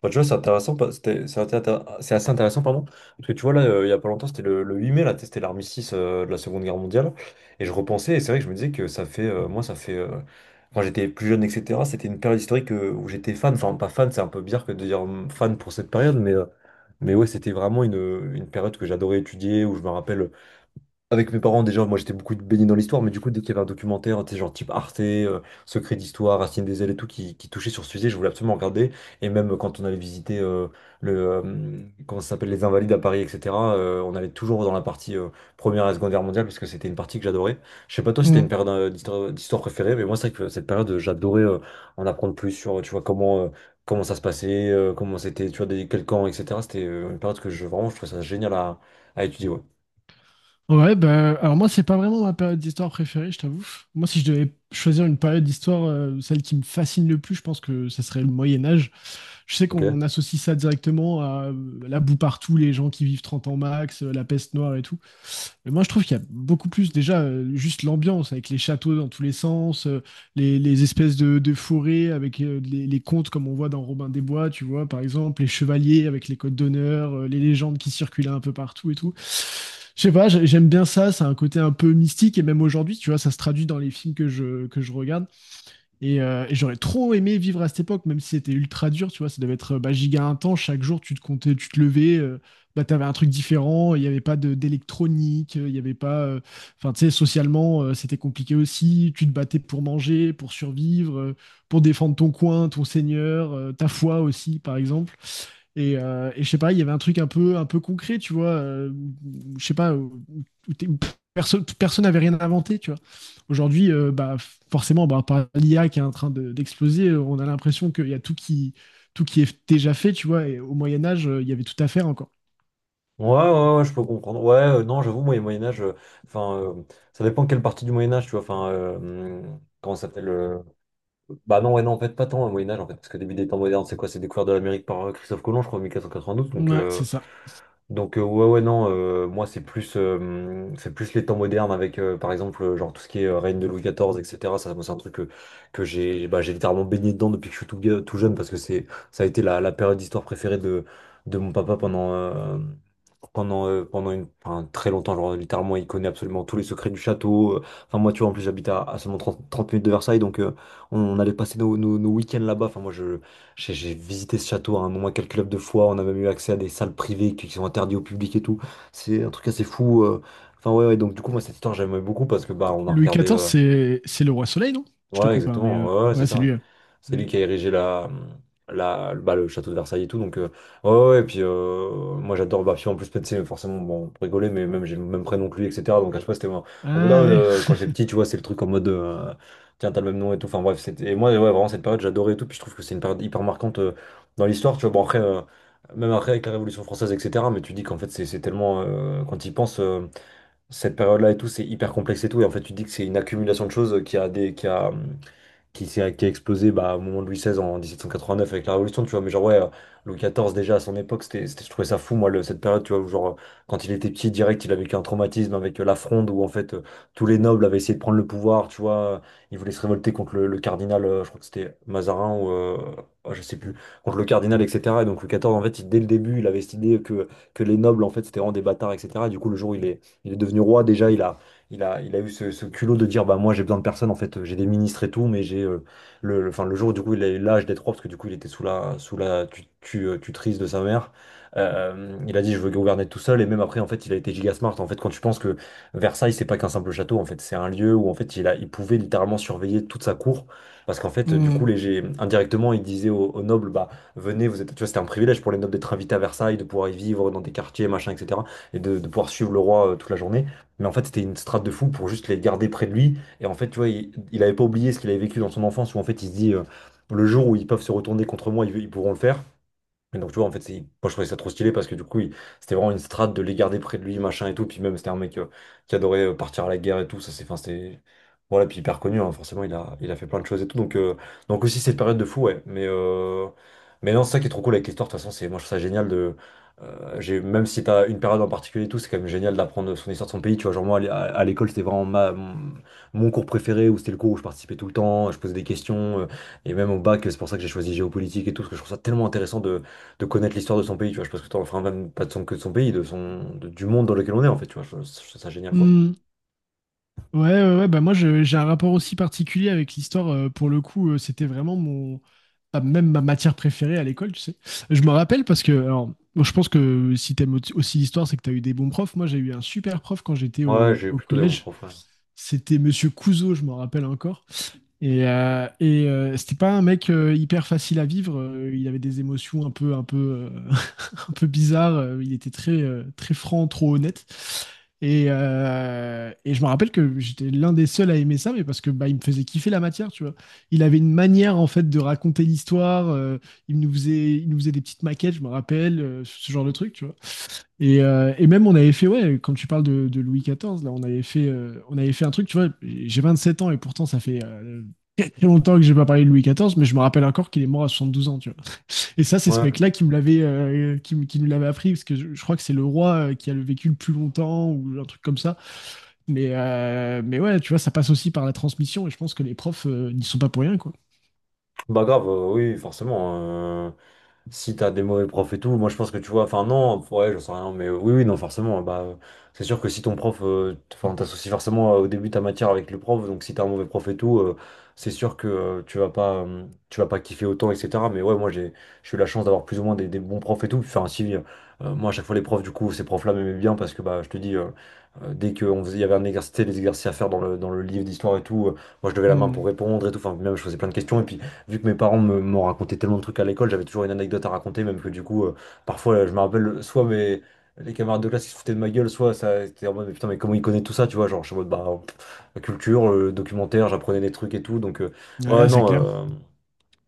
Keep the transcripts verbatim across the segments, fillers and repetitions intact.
Bah, tu vois, c'est intéressant, pas- c'était- c'est intér- c'est assez intéressant, pardon, parce que tu vois, là, euh, il y a pas longtemps, c'était le, le huit mai, là, c'était l'armistice euh, de la Seconde Guerre mondiale, et je repensais, et c'est vrai que je me disais que ça fait, euh, moi, ça fait, euh, quand j'étais plus jeune, et cetera, c'était une période historique euh, où j'étais fan, enfin, pas fan, c'est un peu bizarre que de dire hum, fan pour cette période, mais, euh, mais ouais, c'était vraiment une, une période que j'adorais étudier, où je me rappelle avec mes parents, déjà, moi j'étais beaucoup baigné dans l'histoire, mais du coup, dès qu'il y avait un documentaire, tu sais, genre type Arte, euh, Secret d'Histoire, Racine des ailes et tout, qui, qui touchait sur ce sujet, je voulais absolument regarder. Et même quand on allait visiter euh, le, euh, comment ça s'appelle, les Invalides à Paris, et cetera, euh, on allait toujours dans la partie euh, Première et Seconde Guerre mondiale, parce que c'était une partie que j'adorais. Je sais pas toi si t'as une Mm. période euh, d'histoire euh, d'histoire préférée, mais moi, c'est vrai que cette période, euh, j'adorais euh, en apprendre plus sur, euh, tu vois, comment, euh, comment ça se passait, euh, comment c'était, tu vois, des, quel camp, et cetera. C'était euh, une période que je, vraiment, je trouvais ça génial à, à étudier, ouais. Ouais, bah, alors moi, c'est pas vraiment ma période d'histoire préférée, je t'avoue. Moi, si je devais choisir une période d'histoire, euh, celle qui me fascine le plus, je pense que ça serait le Moyen Âge. Je sais Ok. qu'on associe ça directement à euh, la boue partout, les gens qui vivent trente ans max, euh, la peste noire et tout. Moi, je trouve qu'il y a beaucoup plus déjà euh, juste l'ambiance avec les châteaux dans tous les sens, euh, les, les espèces de, de forêts avec euh, les, les contes comme on voit dans Robin des Bois, tu vois, par exemple, les chevaliers avec les codes d'honneur, euh, les légendes qui circulaient un peu partout et tout. Je sais pas, j'ai- j'aime bien ça, ça a un côté un peu mystique et même aujourd'hui, tu vois, ça se traduit dans les films que je, que je regarde. Et, euh, et j'aurais trop aimé vivre à cette époque, même si c'était ultra dur, tu vois, ça devait être euh, bah, giga intense, chaque jour tu te comptais, tu te levais, euh, bah, t'avais un truc différent, il n'y avait pas de- d'électronique, euh, il n'y avait pas... euh, Enfin, tu sais, socialement, euh, c'était compliqué aussi, tu te battais pour manger, pour survivre, euh, pour défendre ton coin, ton seigneur, euh, ta foi aussi, par exemple. Et, euh, et je sais pas, il y avait un truc un peu, un peu concret, tu vois. Euh, où- je sais pas, où, où t'es- où personne, personne n'avait rien inventé, tu vois. Aujourd'hui, euh, bah, forcément, bah, par l'I A qui est en train de- d'exploser, euh, on a l'impression qu'il y a tout qui, tout qui est déjà fait, tu vois. Et au Moyen Âge, euh, il y avait tout à faire encore. Ouais, ouais, ouais, je peux comprendre. Ouais, euh, non, j'avoue, moi, le Moyen-Âge, euh, enfin, euh, ça dépend quelle partie du Moyen-Âge, tu vois, enfin, euh, hum, comment ça s'appelle euh, Bah non, ouais, non, en fait, pas tant le Moyen-Âge, en fait, parce que début des temps modernes, c'est quoi? C'est découvert de l'Amérique par euh, Christophe Colomb, je crois, en mille quatre cent quatre-vingt-douze, donc, Ouais, euh, c'est ça. donc euh, ouais ouais non euh, moi c'est plus euh, c'est plus les temps modernes avec euh, par exemple euh, genre tout ce qui est euh, règne de Louis quatorze etc ça moi, c'est un truc que, que j'ai bah, j'ai littéralement baigné dedans depuis que je suis tout, ga- tout jeune parce que c'est ça a été la, la période d'histoire préférée de, de mon papa pendant euh, pendant euh, pendant une, enfin, très longtemps genre littéralement il connaît absolument tous les secrets du château euh. Enfin moi tu vois en plus j'habite à, à seulement trente trente minutes de Versailles donc euh, on, on allait passer nos, nos, nos week-ends là-bas enfin moi je j'ai j'ai visité ce château à un nombre incalculable de fois. On a même eu accès à des salles privées qui qui sont interdites au public et tout. C'est un truc assez fou. euh. Enfin, ouais, ouais, donc du coup, moi, cette histoire, j'aimais beaucoup parce que bah, on a Louis regardé. quatorze, euh, c'est c'est le roi soleil, non? Je te Ouais, coupe, hein, mais exactement. euh, Ouais, ouais, c'est ouais, c'est ça. Ouais. lui. Euh. C'est lui Ouais. qui a érigé la, la, bah, le château de Versailles et tout. Donc, euh, ouais, ouais, et puis, euh, moi, j'adore. Bah, puis en plus, peut-être, c'est forcément, bon, pour rigoler, mais même, j'ai le même prénom que lui, et cetera. Donc, à chaque fois, c'était en en mode, ah, Ah ouais. euh, quand j'étais petit, tu vois, c'est le truc en mode, euh, tiens, t'as le même nom et tout. Enfin, bref, c'était. Et moi, ouais, vraiment, cette période, j'adorais et tout. Puis, je trouve que c'est une période hyper marquante euh, dans l'histoire. Tu vois, bon, après, euh, même après, avec la Révolution française, et cetera. Mais tu dis qu'en fait, c'est c'est tellement. Euh, quand il pense cette période-là et tout, c'est hyper complexe et tout. Et en fait, tu dis que c'est une accumulation de choses euh, qui a des. Qui a, qui, s'est- qui a explosé bah, au moment de Louis seize en mille sept cent quatre-vingt-neuf avec la Révolution, tu vois. Mais genre, ouais, euh, Louis quatorze, déjà à son époque, c'était, c'était- je trouvais ça fou, moi, le- cette période, tu vois, où genre, euh, quand il était petit, direct, il a vécu un traumatisme avec euh, la Fronde, où en fait, euh, tous les nobles avaient essayé de prendre le pouvoir, tu vois. Ils voulaient se révolter contre le, le cardinal, euh, je crois que c'était Mazarin ou. euh, oh, je sais plus, contre le cardinal, et cetera. Et donc Louis quatorze, en fait, il- dès le début, il avait cette idée que, que les nobles, en fait, c'était vraiment des bâtards, et cetera. Et du coup, le jour où il est, il est devenu roi, déjà, il a, il a, il a eu ce, ce culot de dire, bah moi j'ai besoin de personne, en fait, j'ai des ministres et tout, mais j'ai euh, le, le- enfin, le jour où du coup il a eu l'âge des trois, parce que du coup il était sous la, sous la tu, tu, euh, tutrice de sa mère. Euh, il a dit je veux gouverner tout seul et même après en fait il a été giga smart en fait quand tu penses que Versailles c'est pas qu'un simple château en fait c'est un lieu où en fait il a il pouvait littéralement surveiller toute sa cour parce qu'en fait du coup Hmm. les gé- indirectement il disait aux, aux nobles bah venez vous êtes tu vois c'était un privilège pour les nobles d'être invités à Versailles de pouvoir y vivre dans des quartiers machin etc et de, de pouvoir suivre le roi euh, toute la journée mais en fait, c'était une strate de fou pour juste les garder près de lui. Et en fait, tu vois, il, il avait pas oublié ce qu'il avait vécu dans son enfance où en fait, il se dit euh, le jour où ils peuvent se retourner contre moi, ils, ils pourront le faire. Et donc, tu vois, en fait, c'est- moi, je trouvais ça trop stylé parce que du coup, il- c'était vraiment une strate de les garder près de lui, machin et tout. Puis même, c'était un mec euh, qui adorait euh, partir à la guerre et tout. Ça, c'est, enfin, c'était. Voilà, puis hyper connu, hein, forcément, il a, il a fait plein de choses et tout. Donc, euh, donc aussi, cette période de fou, ouais. Mais, euh, mais non, c'est ça qui est trop cool avec l'histoire. De toute façon, c'est, moi, je trouve ça génial de. Euh, j'ai, même si t'as une période en particulier et tout, c'est quand même génial d'apprendre son histoire de son pays. Tu vois, genre, moi, à l'é- à- à l'école, c'était vraiment ma, mon mon cours préféré où c'était le cours où je participais tout le temps, je posais des questions. Euh, et même au bac, c'est pour ça que j'ai choisi géopolitique et tout, parce que je trouve ça tellement intéressant de de connaître l'histoire de son pays, tu vois. Je pense que t'en, enfin, même pas de son, que de son pays, de son, de- du monde dans lequel on est, en fait, tu vois. Je, je trouve ça génial, quoi. Hmm. Ouais, ouais, ouais, bah moi je- j'ai un rapport aussi particulier avec l'histoire. Euh, pour le coup, euh, c'était vraiment mon ah, même ma matière préférée à l'école, tu sais. Je me rappelle parce que alors bon, je pense que si t'aimes au- aussi l'histoire, c'est que t'as eu des bons profs. Moi, j'ai eu un super prof quand j'étais Ouais, au, j'ai eu au plutôt des bons collège. profs, ouais. C'était Monsieur Couzeau, je m'en rappelle encore. Et, euh, et euh, c'était pas un mec euh, hyper facile à vivre. Euh, il avait des émotions un peu, un peu, euh, un peu bizarre. Euh, Il était très, euh, très franc, trop honnête. Et, euh, et je me rappelle que j'étais l'un des seuls à aimer ça, mais parce que bah, il me faisait kiffer la matière, tu vois. Il avait une manière en fait de raconter l'histoire. euh, il nous faisait, il nous faisait des petites maquettes, je me rappelle, euh, ce genre de truc, tu vois. Et, euh, et même on avait fait, ouais, quand tu parles de, de Louis quatorze, là, on avait fait, euh, on avait fait un truc, tu vois. J'ai vingt-sept ans et pourtant ça fait euh, très longtemps que j'ai pas parlé de Louis quatorze, mais je me rappelle encore qu'il est mort à soixante-douze ans, tu et ça, c'est ce Ouais. mec-là qui me l'avait, euh, qui, me- qui nous l'avait appris, parce que je, je crois que c'est le roi euh, qui a le vécu le plus longtemps ou un truc comme ça. Mais, euh, mais ouais, tu vois, ça passe aussi par la transmission, et je pense que les profs euh, n'y sont pas pour rien, quoi. Bah grave, euh, oui, forcément. euh, Si t'as des mauvais profs et tout, moi je pense que tu vois, enfin non, ouais, j'en sais rien, mais euh, oui, oui, non, forcément. Bah, euh, c'est sûr que si ton prof, euh, t- enfin t'associes forcément euh, au début ta matière avec le prof, donc si t'as un mauvais prof et tout, euh, c'est sûr que euh, tu vas pas, euh, tu vas pas kiffer autant, et cetera. Mais ouais, moi j'ai, j'ai eu la chance d'avoir plus ou moins des, des bons profs et tout. Enfin si, euh, moi à chaque fois les profs, du coup, ces profs-là m'aimaient bien parce que bah je te dis. euh, euh, Dès qu'on faisait, il y avait un exercice, des exercices à faire dans le, dans le livre d'histoire et tout, euh, moi je levais la main pour Mm. répondre et tout, enfin même je faisais plein de questions et puis vu que mes parents me- m'ont raconté tellement de trucs à l'école, j'avais toujours une anecdote à raconter, même que du coup, euh, parfois, je me rappelle, soit mes, les camarades de classe qui se foutaient de ma gueule, soit ça était en mode, mais putain, mais comment il connaît tout ça, tu vois, genre, je suis en mode, bah, pff, culture, euh, documentaire, j'apprenais des trucs et tout, donc, euh, ouais, Ouais, c'est non. clair. euh,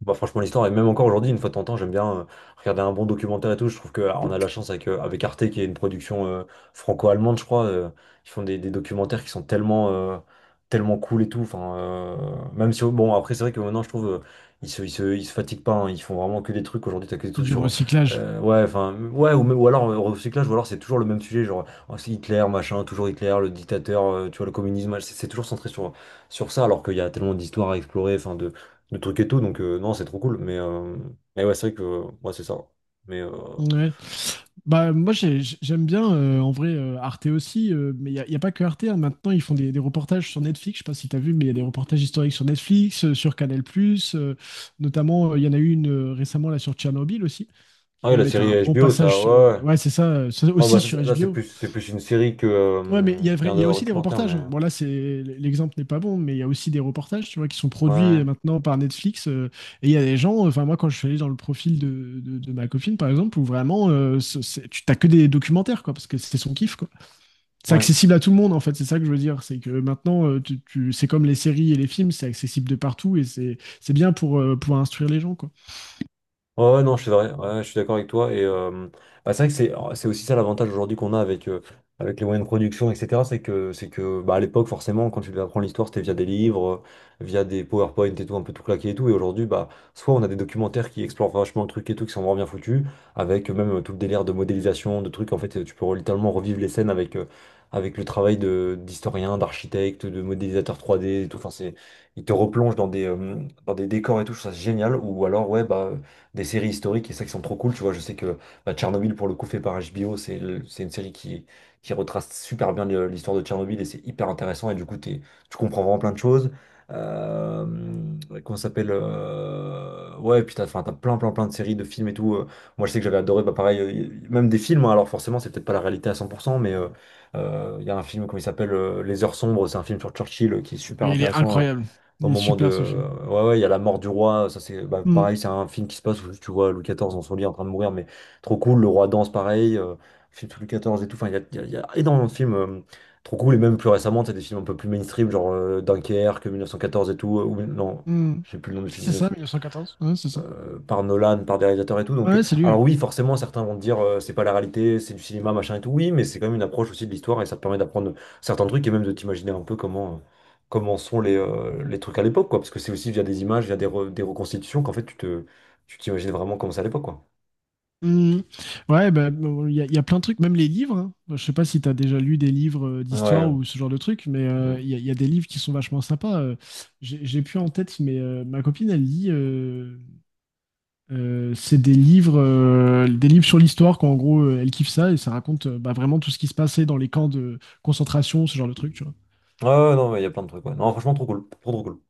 Bah franchement l'histoire et même encore aujourd'hui une fois de temps en temps j'aime bien euh, regarder un bon documentaire et tout je trouve que ah, on a la chance avec, euh, avec Arte qui est une production euh, franco-allemande je crois euh, ils font des, des documentaires qui sont tellement euh, tellement cool et tout enfin euh, même si bon après c'est vrai que maintenant je trouve euh, ils se, ils se, ils se fatiguent pas hein. Ils font vraiment que des trucs aujourd'hui, t'as que des C'est trucs du sur recyclage. euh, ouais, enfin ouais ou, même- ou alors euh, recyclage, ou alors c'est toujours le même sujet, genre oh, c'est Hitler machin, toujours Hitler le dictateur, euh, tu vois, le communisme, ouais, c'est c'est toujours centré sur sur ça alors qu'il y a tellement d'histoires à explorer, enfin le truc et tout. Donc, euh, non, c'est trop cool. Mais, euh, mais ouais, c'est vrai que moi c'est ça. Mais euh, Ouais. Bah, moi, j'ai- j'aime bien, euh, en vrai, euh, Arte aussi, euh, mais il n'y a, y a pas que Arte, hein. Maintenant, ils font des, des reportages sur Netflix. Je sais pas si tu as vu, mais il y a des reportages historiques sur Netflix, euh, sur Canal+, euh, notamment, euh, il y en a eu une euh, récemment là sur Tchernobyl aussi. Qui ah ouais, quand la même est série un bon H B O, ça, passage sur. euh, ouais. Ouais, Ouais, c'est ça, euh, c'est ah, bah, aussi ça, sur c'est- là, c'est H B O. plus, c'est plus une série que, Ouais, mais il y euh, a, vrai- qu'un il y a aussi des documentaire, reportages, mais hein. Bon, là, c'est, l'exemple n'est pas bon, mais il y a aussi des reportages, tu vois, qui sont produits euh, ouais, maintenant par Netflix. Euh, et il y a des gens, enfin, moi, quand je suis allé dans le profil de, de- de ma copine, par exemple, où vraiment, euh, ce- c'est- tu t'as que des documentaires, quoi, parce que c'est son kiff, quoi. C'est ouais. accessible à tout le monde, en fait, c'est ça que je veux dire. C'est que maintenant, euh, tu, tu- c'est comme les séries et les films, c'est accessible de partout et c'est, c'est bien pour euh, pouvoir instruire les gens, quoi. Ouais, ouais, non, c'est vrai, ouais, ouais, je suis d'accord avec toi. Et euh, bah, c'est vrai que c'est oh, c'est aussi ça l'avantage aujourd'hui qu'on a avec, euh, avec les moyens de production, et cetera. C'est que, c'est que bah, à l'époque, forcément, quand tu devais apprendre l'histoire, c'était via des livres, euh, via des PowerPoint et tout, un peu tout claqué et tout. Et aujourd'hui, bah, soit on a des documentaires qui explorent vachement le truc et tout, qui sont vraiment bien foutus, avec même euh, tout le délire de modélisation, de trucs. En fait, euh, tu peux littéralement revivre les scènes avec, euh, avec le travail de, d'historien, d'architecte, de modélisateur trois D et tout. Enfin, c'est, il te replonge dans des, euh, dans des décors et tout, je trouve ça génial. Ou alors, ouais, bah, des séries historiques et ça qui sont trop cool. Tu vois, je sais que bah, Tchernobyl, pour le coup, fait par H B O, c'est le- c'est une série qui, qui retrace super bien le- l'histoire de Tchernobyl, et c'est hyper intéressant. Et du coup, t'es- tu comprends vraiment plein de choses. Euh, ouais, comment ça s'appelle, euh, ouais, puis t'as, enfin, t'as plein, plein, plein de séries, de films et tout. Euh, moi, je sais que j'avais adoré, bah, pareil, euh, y- même des films. Hein, alors, forcément, c'est peut-être pas la réalité à cent pour cent, mais euh, euh, il y a un film, comment il s'appelle, euh, Les Heures Sombres, c'est un film sur Churchill, euh, qui est Et super il est intéressant. euh, incroyable. Au Il est moment super, ce de. film. Ouais, ouais, il y a la mort du roi. Ça, c'est bah, Hmm. pareil, c'est un film qui se passe où tu vois Louis quatorze dans son lit en train de mourir, mais trop cool. Le roi danse, pareil. Euh, film sur Louis quatorze et tout. Enfin, il y a, il y a- il y a énormément de films, euh, trop cool. Et même plus récemment, tu as des films un peu plus mainstream, genre euh, Dunkerque, mille neuf cent quatorze et tout. Euh, ou, non, Mmh. je sais plus le nom du film, C'est ça, mille neuf cent quatorze. Ouais, c'est ça. euh, par Nolan, par des réalisateurs et tout. Donc, euh, Ouais, c'est lui. Ouais. alors oui, forcément, certains vont te dire euh, c'est pas la réalité, c'est du cinéma, machin et tout. Oui, mais c'est quand même une approche aussi de l'histoire, et ça te permet d'apprendre certains trucs et même de t'imaginer un peu comment, euh, comment sont les, euh, les trucs à l'époque, quoi. Parce que c'est aussi via des images, via des, re- des reconstitutions qu'en fait tu te, tu t'imagines vraiment comment c'est à l'époque, quoi. Mmh. Ouais, bah, bon, il y, a il y a plein de trucs, même les livres, hein. Bah, je sais pas si tu as déjà lu des livres euh, Ouais, d'histoire ouais, ou ce genre de trucs, mais euh, mm. il y, a il y a des livres qui sont vachement sympas. euh. j'ai j'ai plus en tête, mais euh, ma copine, elle lit. Euh, euh, c'est des livres, euh, des livres sur l'histoire, qu'en gros, euh, elle kiffe ça et ça raconte euh, bah, vraiment tout ce qui se passait dans les camps de concentration, ce genre de trucs, Ouais, ouais, non, mais il y a plein de trucs, ouais. Non, franchement, trop cool, trop, trop cool.